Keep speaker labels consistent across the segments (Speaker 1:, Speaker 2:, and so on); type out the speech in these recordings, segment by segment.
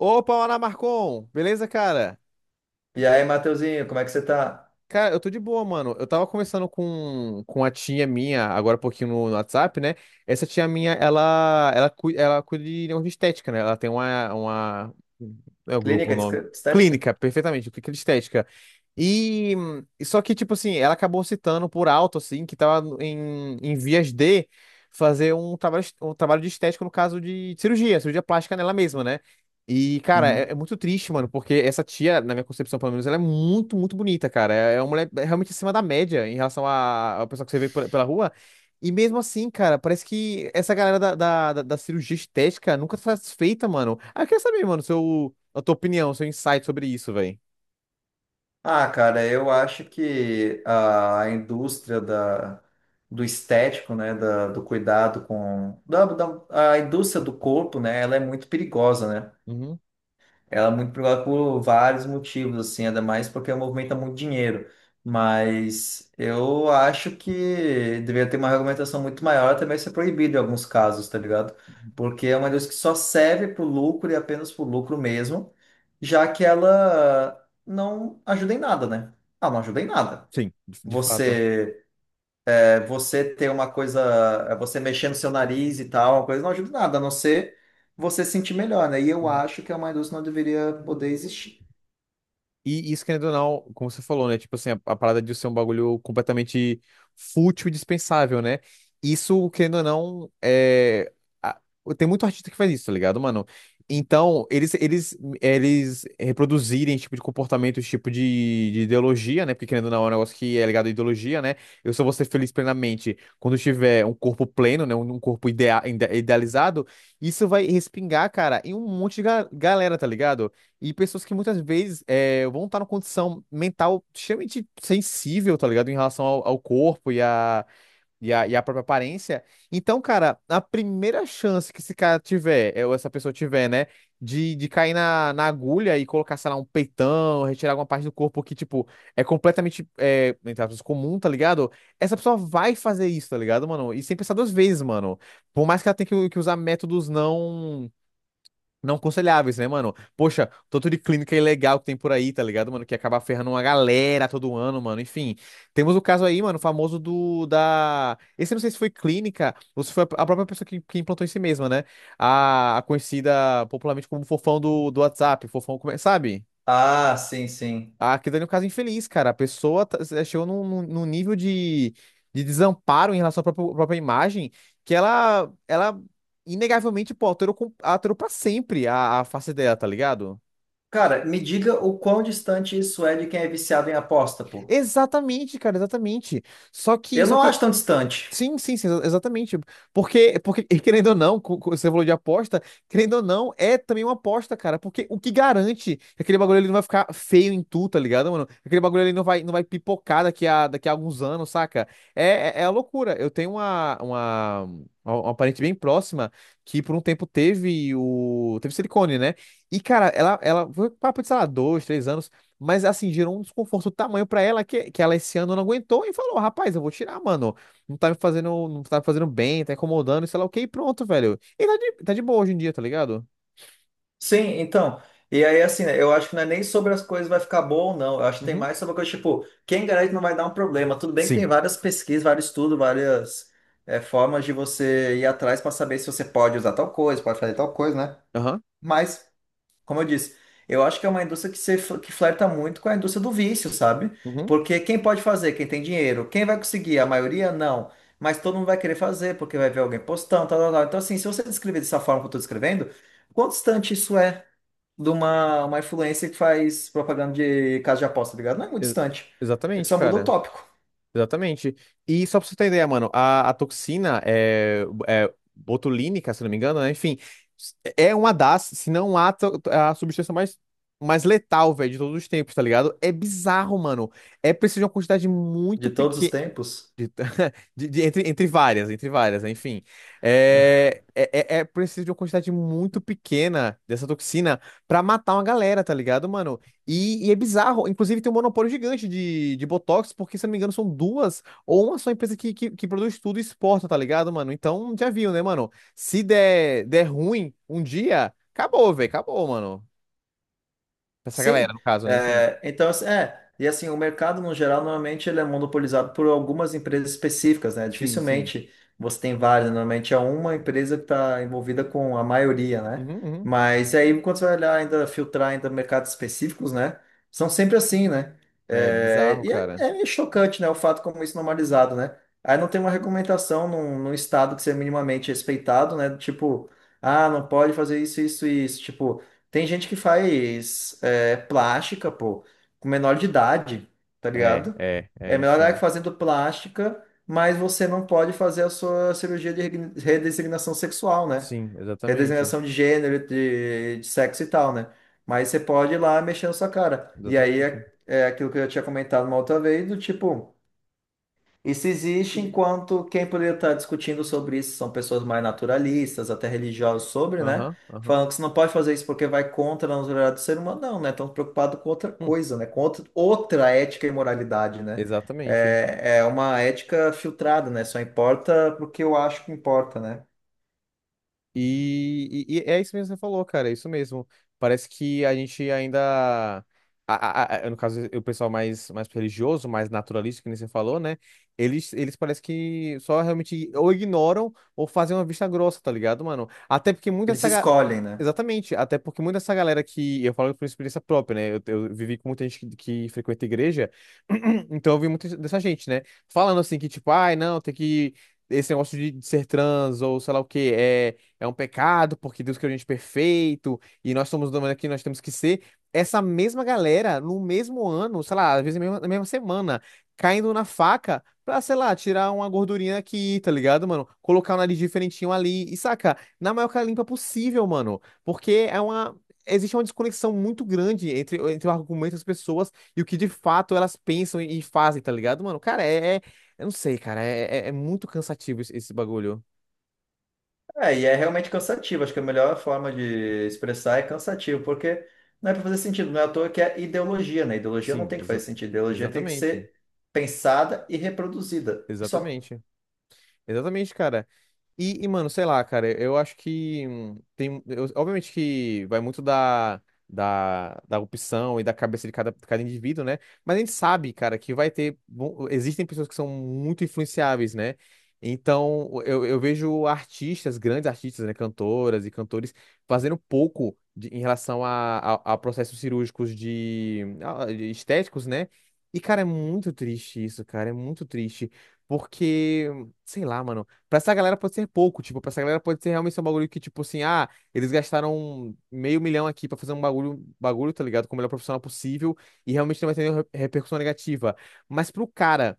Speaker 1: Opa, Ana Marcon! Beleza, cara?
Speaker 2: E aí, Mateuzinho, como é que você tá?
Speaker 1: Cara, eu tô de boa, mano. Eu tava conversando com a tia minha, agora há pouquinho no WhatsApp, né? Essa tia minha, ela cuida de negócio de estética, né? Ela tem uma. É o grupo, o nome.
Speaker 2: De estética?
Speaker 1: Clínica, perfeitamente, clínica de estética. E só que, tipo assim, ela acabou citando por alto, assim, que tava em vias de fazer um trabalho de estética, no caso de cirurgia plástica nela mesma, né? E, cara, é,
Speaker 2: Uhum.
Speaker 1: é muito triste, mano, porque essa tia, na minha concepção, pelo menos, ela é muito, muito bonita, cara. É uma mulher realmente acima da média em relação à pessoa que você vê pela rua. E mesmo assim, cara, parece que essa galera da cirurgia estética nunca tá satisfeita, mano. Ah, eu queria saber, mano, a tua opinião, seu insight sobre isso, velho.
Speaker 2: Ah, cara, eu acho que a do estético, né, do cuidado com... A indústria do corpo, né, ela é muito perigosa, né?
Speaker 1: Uhum.
Speaker 2: Ela é muito popular por vários motivos, assim, ainda mais porque movimenta muito dinheiro. Mas eu acho que deveria ter uma regulamentação muito maior, até mesmo ser proibido em alguns casos, tá ligado? Porque é uma indústria que só serve pro lucro e apenas pro lucro mesmo, já que ela não ajuda em nada, né? Ah, não ajuda em nada.
Speaker 1: Sim, de fato.
Speaker 2: Você, você ter uma coisa, você mexer no seu nariz e tal, uma coisa não ajuda em nada, a não ser você se sentir melhor, né? E eu acho que a Mãe Doce não deveria poder existir.
Speaker 1: E isso, querendo ou não, como você falou, né? Tipo assim, a parada de ser um bagulho completamente fútil e dispensável, né? Isso, querendo ou não, é. a- Tem muito artista que faz isso, tá ligado, mano? Então, eles reproduzirem esse tipo de comportamento, esse tipo de ideologia, né? Porque, querendo ou não, é um negócio que é ligado à ideologia, né? Eu só vou ser feliz plenamente quando eu tiver um corpo pleno, né? Um corpo idealizado. Isso vai respingar, cara, em um monte de galera, tá ligado? E pessoas que muitas vezes vão estar numa condição mental extremamente sensível, tá ligado? Em relação ao corpo e à própria aparência. Então, cara, a primeira chance que esse cara tiver, ou essa pessoa tiver, né, de cair na agulha e colocar, sei lá, um peitão, retirar alguma parte do corpo que, tipo, é completamente, entre aspas, comum, tá ligado? Essa pessoa vai fazer isso, tá ligado, mano? E sem pensar duas vezes, mano. Por mais que ela tenha que usar métodos não aconselháveis, né, mano? Poxa, tanto de clínica ilegal que tem por aí, tá ligado, mano? Que acaba ferrando uma galera todo ano, mano. Enfim, temos o caso aí, mano, famoso do da. Esse eu não sei se foi clínica ou se foi a própria pessoa que implantou em si mesma, né? A conhecida popularmente como Fofão do WhatsApp, Fofão, sabe?
Speaker 2: Ah, sim, sim.
Speaker 1: Aquilo ali é um caso infeliz, cara. A pessoa chegou num nível de desamparo em relação à própria imagem que ela inegavelmente, pô, alterou pra sempre a face dela, tá ligado?
Speaker 2: Cara, me diga o quão distante isso é de quem é viciado em aposta, pô.
Speaker 1: Exatamente, cara, exatamente. Só que,
Speaker 2: Eu
Speaker 1: só
Speaker 2: não
Speaker 1: que
Speaker 2: acho tão distante.
Speaker 1: Sim, sim, sim, exatamente. Porque e querendo ou não, você falou de aposta, querendo ou não, é também uma aposta, cara. Porque o que garante que aquele bagulho ali não vai ficar feio em tu, tá ligado, mano? Que aquele bagulho ali não vai pipocar daqui a alguns anos, saca? É, é a loucura. Eu tenho uma parente bem próxima que por um tempo teve o. Teve silicone, né? E, cara, ela foi papo de, sei lá, dois, três anos. Mas assim, gerou um desconforto do tamanho pra ela que ela esse ano não aguentou e falou: rapaz, eu vou tirar, mano não tá me fazendo bem, tá incomodando, e sei lá o que, e pronto, velho. E tá de boa hoje em dia, tá ligado?
Speaker 2: Sim, então. E aí, assim, né, eu acho que não é nem sobre as coisas vai ficar bom ou não. Eu acho que tem
Speaker 1: Uhum.
Speaker 2: mais sobre a coisa, tipo, quem garante não vai dar um problema. Tudo bem que
Speaker 1: Sim.
Speaker 2: tem várias pesquisas, vários estudos, várias formas de você ir atrás para saber se você pode usar tal coisa, pode fazer tal coisa, né?
Speaker 1: Aham.
Speaker 2: Mas. Como eu disse, eu acho que é uma indústria que, se, fl- que flerta muito com a indústria do vício, sabe?
Speaker 1: Uhum.
Speaker 2: Porque quem pode fazer? Quem tem dinheiro. Quem vai conseguir? A maioria, não. Mas todo mundo vai querer fazer, porque vai ver alguém postando, tal, tal, tal. Então, assim, se você descrever dessa forma que eu estou descrevendo, quão distante isso é de uma influência que faz propaganda de casa de aposta, tá ligado? Não é muito
Speaker 1: Ex-
Speaker 2: distante. Ele
Speaker 1: Exatamente,
Speaker 2: só muda o
Speaker 1: cara.
Speaker 2: tópico
Speaker 1: Exatamente. E só pra você ter ideia, mano, a toxina é botulínica, se não me engano, né? Enfim, é uma das, se não a, a substância mais letal, velho, de todos os tempos, tá ligado? É bizarro, mano. É preciso de uma quantidade muito
Speaker 2: de todos os
Speaker 1: pequena.
Speaker 2: tempos.
Speaker 1: Entre várias, enfim. É preciso de uma quantidade muito pequena dessa toxina pra matar uma galera, tá ligado, mano? E é bizarro. Inclusive, tem um monopólio gigante de Botox, porque, se eu não me engano, são duas ou uma só empresa que produz tudo e exporta, tá ligado, mano? Então, já viu, né, mano? Se der ruim um dia, acabou, velho, acabou, mano. Essa galera,
Speaker 2: Sim,
Speaker 1: no caso, né? Enfim.
Speaker 2: é, então, assim, é, e assim, o mercado no geral, normalmente ele é monopolizado por algumas empresas específicas, né?
Speaker 1: Sim, sim.
Speaker 2: Dificilmente você tem várias, normalmente é uma empresa que está envolvida com a maioria, né?
Speaker 1: Uhum, uhum.
Speaker 2: Mas aí, quando você vai olhar ainda, filtrar ainda mercados específicos, né? São sempre assim, né?
Speaker 1: É
Speaker 2: É,
Speaker 1: bizarro, cara.
Speaker 2: é meio chocante, né? O fato como isso é normalizado, né? Aí não tem uma regulamentação num estado que seja minimamente respeitado, né? Tipo, ah, não pode fazer isso, isso e isso. Tipo, tem gente que faz é plástica, pô, com menor de idade, tá ligado? É menor de idade
Speaker 1: Enfim.
Speaker 2: fazendo plástica, mas você não pode fazer a sua cirurgia de redesignação sexual, né?
Speaker 1: Sim, exatamente.
Speaker 2: Redesignação de gênero, de sexo e tal, né? Mas você pode ir lá mexendo sua cara. E aí
Speaker 1: Exatamente.
Speaker 2: é aquilo que eu já tinha comentado uma outra vez, do tipo. Isso existe enquanto quem poderia estar discutindo sobre isso são pessoas mais naturalistas, até religiosas sobre, né?
Speaker 1: Aham, aham.
Speaker 2: Falando que você não pode fazer isso porque vai contra a naturalidade do ser humano, não, né? Estão preocupados com outra
Speaker 1: Hum,
Speaker 2: coisa, né? Com outra, outra ética e moralidade, né?
Speaker 1: Exatamente.
Speaker 2: É, é uma ética filtrada, né? Só importa porque eu acho que importa, né?
Speaker 1: E é isso mesmo que você falou, cara, é isso mesmo. Parece que a gente ainda. No caso, o pessoal mais, religioso, mais naturalista, que nem você falou, né? Eles parece que só realmente ou ignoram ou fazem uma vista grossa, tá ligado, mano? Até porque muita
Speaker 2: Eles
Speaker 1: essa.
Speaker 2: escolhem, né?
Speaker 1: Exatamente, até porque muita essa galera que. Eu falo por experiência própria, né? Eu vivi com muita gente que frequenta igreja, então eu vi muita dessa gente, né? Falando assim que, tipo, ai, não, tem que. Esse negócio de ser trans ou sei lá o quê, é um pecado, porque Deus criou a gente perfeito, e nós somos do mundo aqui, nós temos que ser. Essa mesma galera, no mesmo ano, sei lá, às vezes na mesma semana, caindo na faca pra, sei lá, tirar uma gordurinha aqui, tá ligado, mano? Colocar um nariz diferentinho ali, e saca, na maior cara limpa possível, mano, porque é uma. Existe uma desconexão muito grande entre o argumento das pessoas e o que de fato elas pensam e fazem, tá ligado, mano? Cara, eu não sei, cara. É muito cansativo esse bagulho.
Speaker 2: É, e é realmente cansativo. Acho que a melhor forma de expressar é cansativo, porque não é para fazer sentido, não é à toa que é ideologia, né? Ideologia não
Speaker 1: Sim,
Speaker 2: tem que fazer sentido, ideologia tem que
Speaker 1: exatamente.
Speaker 2: ser pensada e reproduzida. E só.
Speaker 1: Exatamente. Exatamente, cara. Mano, sei lá, cara, eu acho que obviamente que vai muito da opção e da cabeça de cada indivíduo, né? Mas a gente sabe, cara, que vai ter. Bom, existem pessoas que são muito influenciáveis, né? Então, eu vejo artistas, grandes artistas, né? Cantoras e cantores, fazendo pouco em relação a processos cirúrgicos de estéticos, né? E, cara, é muito triste isso, cara, é muito triste. Porque, sei lá, mano. Pra essa galera pode ser pouco, tipo, pra essa galera pode ser realmente só um bagulho que, tipo assim, ah, eles gastaram meio milhão aqui pra fazer um bagulho, tá ligado? Com o melhor profissional possível e realmente não vai ter nenhuma repercussão negativa. Mas pro cara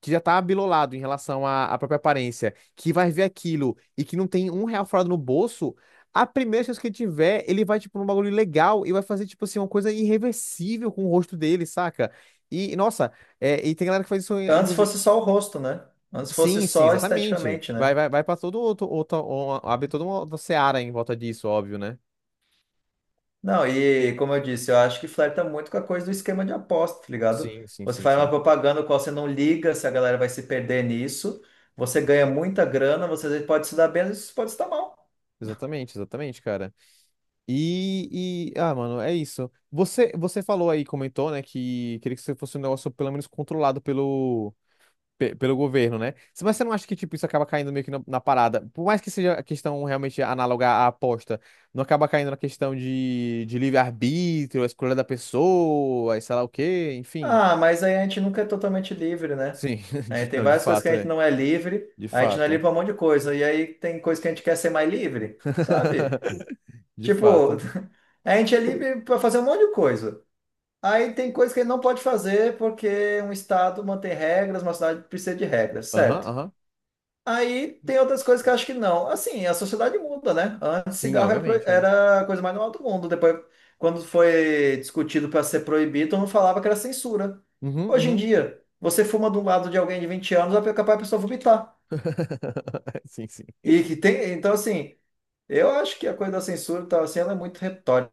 Speaker 1: que já tá abilolado em relação à própria aparência, que vai ver aquilo e que não tem um real furado no bolso, a primeira chance que ele tiver, ele vai, tipo, num bagulho legal e vai fazer, tipo assim, uma coisa irreversível com o rosto dele, saca? E, nossa, e tem galera que faz isso,
Speaker 2: Antes
Speaker 1: inclusive.
Speaker 2: fosse só o rosto, né? Antes fosse
Speaker 1: Sim, sim,
Speaker 2: só
Speaker 1: exatamente.
Speaker 2: esteticamente,
Speaker 1: Vai,
Speaker 2: né?
Speaker 1: vai, vai para todo outro, outro, uma- abre toda uma outra seara em volta disso, óbvio, né?
Speaker 2: Não, e como eu disse, eu acho que flerta muito com a coisa do esquema de aposta, tá ligado?
Speaker 1: Sim, sim,
Speaker 2: Você
Speaker 1: sim,
Speaker 2: faz uma
Speaker 1: sim.
Speaker 2: propaganda qual você não liga se a galera vai se perder nisso, você ganha muita grana, você às vezes pode se dar bem, às vezes pode se dar mal.
Speaker 1: Exatamente, exatamente, cara. E ah, mano, é isso. Você falou aí, comentou, né, que queria que isso fosse um negócio pelo menos controlado pelo governo, né? Mas você não acha que, tipo, isso acaba caindo meio que na parada? Por mais que seja a questão realmente análoga à aposta, não acaba caindo na questão de livre-arbítrio, a escolha da pessoa, e sei lá o quê, enfim.
Speaker 2: Ah, mas aí a gente nunca é totalmente livre, né?
Speaker 1: Sim,
Speaker 2: Aí tem
Speaker 1: não, de
Speaker 2: várias coisas que
Speaker 1: fato,
Speaker 2: a gente
Speaker 1: é.
Speaker 2: não é livre,
Speaker 1: De
Speaker 2: a gente não é livre
Speaker 1: fato.
Speaker 2: pra um monte de coisa, e aí tem coisas que a gente quer ser mais livre, sabe?
Speaker 1: De
Speaker 2: Tipo,
Speaker 1: fato.
Speaker 2: a gente é livre pra fazer um monte de coisa. Aí tem coisas que a gente não pode fazer porque um estado mantém regras, uma cidade precisa de regras,
Speaker 1: Aham,
Speaker 2: certo?
Speaker 1: aham.
Speaker 2: Aí tem outras coisas que eu acho que não. Assim, a sociedade muda, né? Antes
Speaker 1: Sim,
Speaker 2: cigarro era,
Speaker 1: obviamente, é.
Speaker 2: era a coisa mais normal do mundo. Depois, quando foi discutido para ser proibido, todo mundo falava que era censura.
Speaker 1: Uhum,
Speaker 2: Hoje em
Speaker 1: uhum.
Speaker 2: dia, você fuma do lado de alguém de 20 anos, é capaz a pessoa vomitar.
Speaker 1: Sim, sim.
Speaker 2: E que tem, então assim, eu acho que a coisa da censura tá, assim, ela é muito retórica.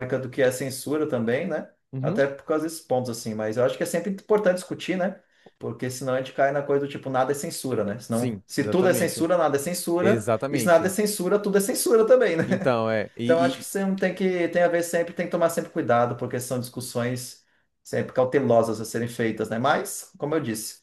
Speaker 2: Marca do que é censura também, né?
Speaker 1: Uhum.
Speaker 2: Até por causa desses pontos, assim. Mas eu acho que é sempre importante discutir, né? Porque senão a gente cai na coisa do tipo, nada é censura, né? Senão,
Speaker 1: Sim,
Speaker 2: se tudo é
Speaker 1: exatamente.
Speaker 2: censura, nada é censura. E se nada é
Speaker 1: Exatamente.
Speaker 2: censura, tudo é censura também, né?
Speaker 1: Então, é.
Speaker 2: Então acho que você não tem que, tem a ver sempre, tem que tomar sempre cuidado, porque são discussões sempre cautelosas a serem feitas, né? Mas, como eu disse,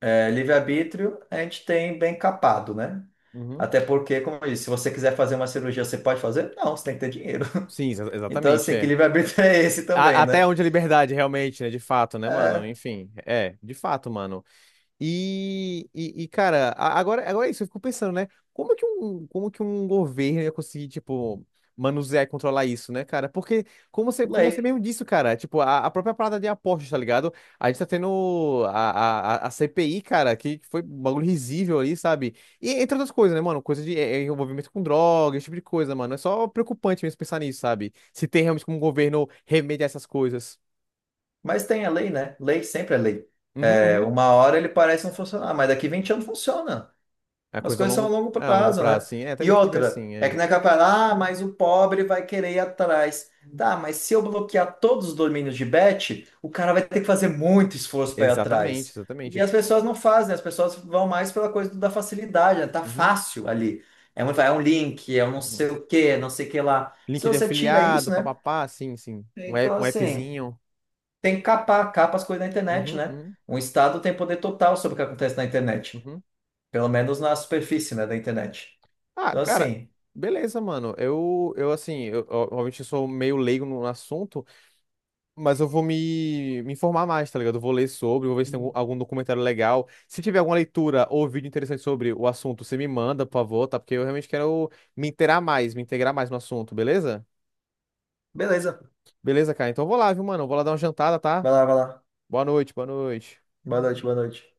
Speaker 2: é, livre-arbítrio a gente tem bem capado, né?
Speaker 1: Uhum.
Speaker 2: Até porque, como eu disse, se você quiser fazer uma cirurgia, você pode fazer? Não, você tem que ter dinheiro.
Speaker 1: Sim,
Speaker 2: Então,
Speaker 1: exatamente,
Speaker 2: assim, que
Speaker 1: é.
Speaker 2: livre-arbítrio é esse também,
Speaker 1: Até
Speaker 2: né?
Speaker 1: onde a liberdade, realmente, né? De fato, né, mano?
Speaker 2: É
Speaker 1: Enfim, é, de fato, mano. Cara, agora é isso, eu fico pensando, né? Como que um governo ia conseguir, tipo, manusear e controlar isso, né, cara? Porque, como você
Speaker 2: lei.
Speaker 1: mesmo disse, cara, tipo, a própria parada de apostas, tá ligado? A gente tá tendo a CPI, cara, que foi um bagulho risível ali, sabe? E entre outras coisas, né, mano? Coisa de envolvimento com droga, esse tipo de coisa, mano. É só preocupante mesmo pensar nisso, sabe? Se tem realmente como o governo remediar essas coisas.
Speaker 2: Mas tem a lei, né? Lei sempre é lei.
Speaker 1: Uhum,
Speaker 2: É,
Speaker 1: uhum.
Speaker 2: uma hora ele parece não funcionar, mas daqui 20 anos funciona.
Speaker 1: É
Speaker 2: As
Speaker 1: coisa a
Speaker 2: coisas são a
Speaker 1: longo,
Speaker 2: longo
Speaker 1: a longo
Speaker 2: prazo, né?
Speaker 1: prazo, assim. É,
Speaker 2: E
Speaker 1: também tem que ver
Speaker 2: outra,
Speaker 1: assim,
Speaker 2: é que
Speaker 1: é.
Speaker 2: não é capaz, ah, mas o pobre vai querer ir atrás. Tá, mas se eu bloquear todos os domínios de bet, o cara vai ter que fazer muito esforço para ir
Speaker 1: Exatamente,
Speaker 2: atrás. E
Speaker 1: exatamente.
Speaker 2: as pessoas não fazem, as pessoas vão mais pela coisa da facilidade, né? Tá
Speaker 1: Uhum.
Speaker 2: fácil ali. É um link, é um não
Speaker 1: Uhum.
Speaker 2: sei o quê, não sei o que lá. Se
Speaker 1: Link de
Speaker 2: você tira isso,
Speaker 1: afiliado,
Speaker 2: né?
Speaker 1: papapá, sim, sim.
Speaker 2: Então,
Speaker 1: Um
Speaker 2: assim,
Speaker 1: appzinho.
Speaker 2: tem que capar, capa as coisas na internet,
Speaker 1: Uhum,
Speaker 2: né?
Speaker 1: uhum,
Speaker 2: Um Estado tem poder total sobre o que acontece na internet.
Speaker 1: uhum.
Speaker 2: Pelo menos na superfície, né, da internet.
Speaker 1: Ah,
Speaker 2: Então,
Speaker 1: cara,
Speaker 2: assim,
Speaker 1: beleza, mano. Eu assim, obviamente eu sou meio leigo no assunto, mas eu vou me informar mais, tá ligado? Eu vou ler sobre, vou ver se tem algum documentário legal. Se tiver alguma leitura ou vídeo interessante sobre o assunto, você me manda, por favor, tá? Porque eu realmente quero me inteirar mais, me integrar mais no assunto, beleza?
Speaker 2: beleza.
Speaker 1: Beleza, cara. Então eu vou lá, viu, mano? Eu vou lá dar uma jantada, tá?
Speaker 2: Vai lá, vai lá.
Speaker 1: Boa noite, boa noite.
Speaker 2: Boa noite, boa noite.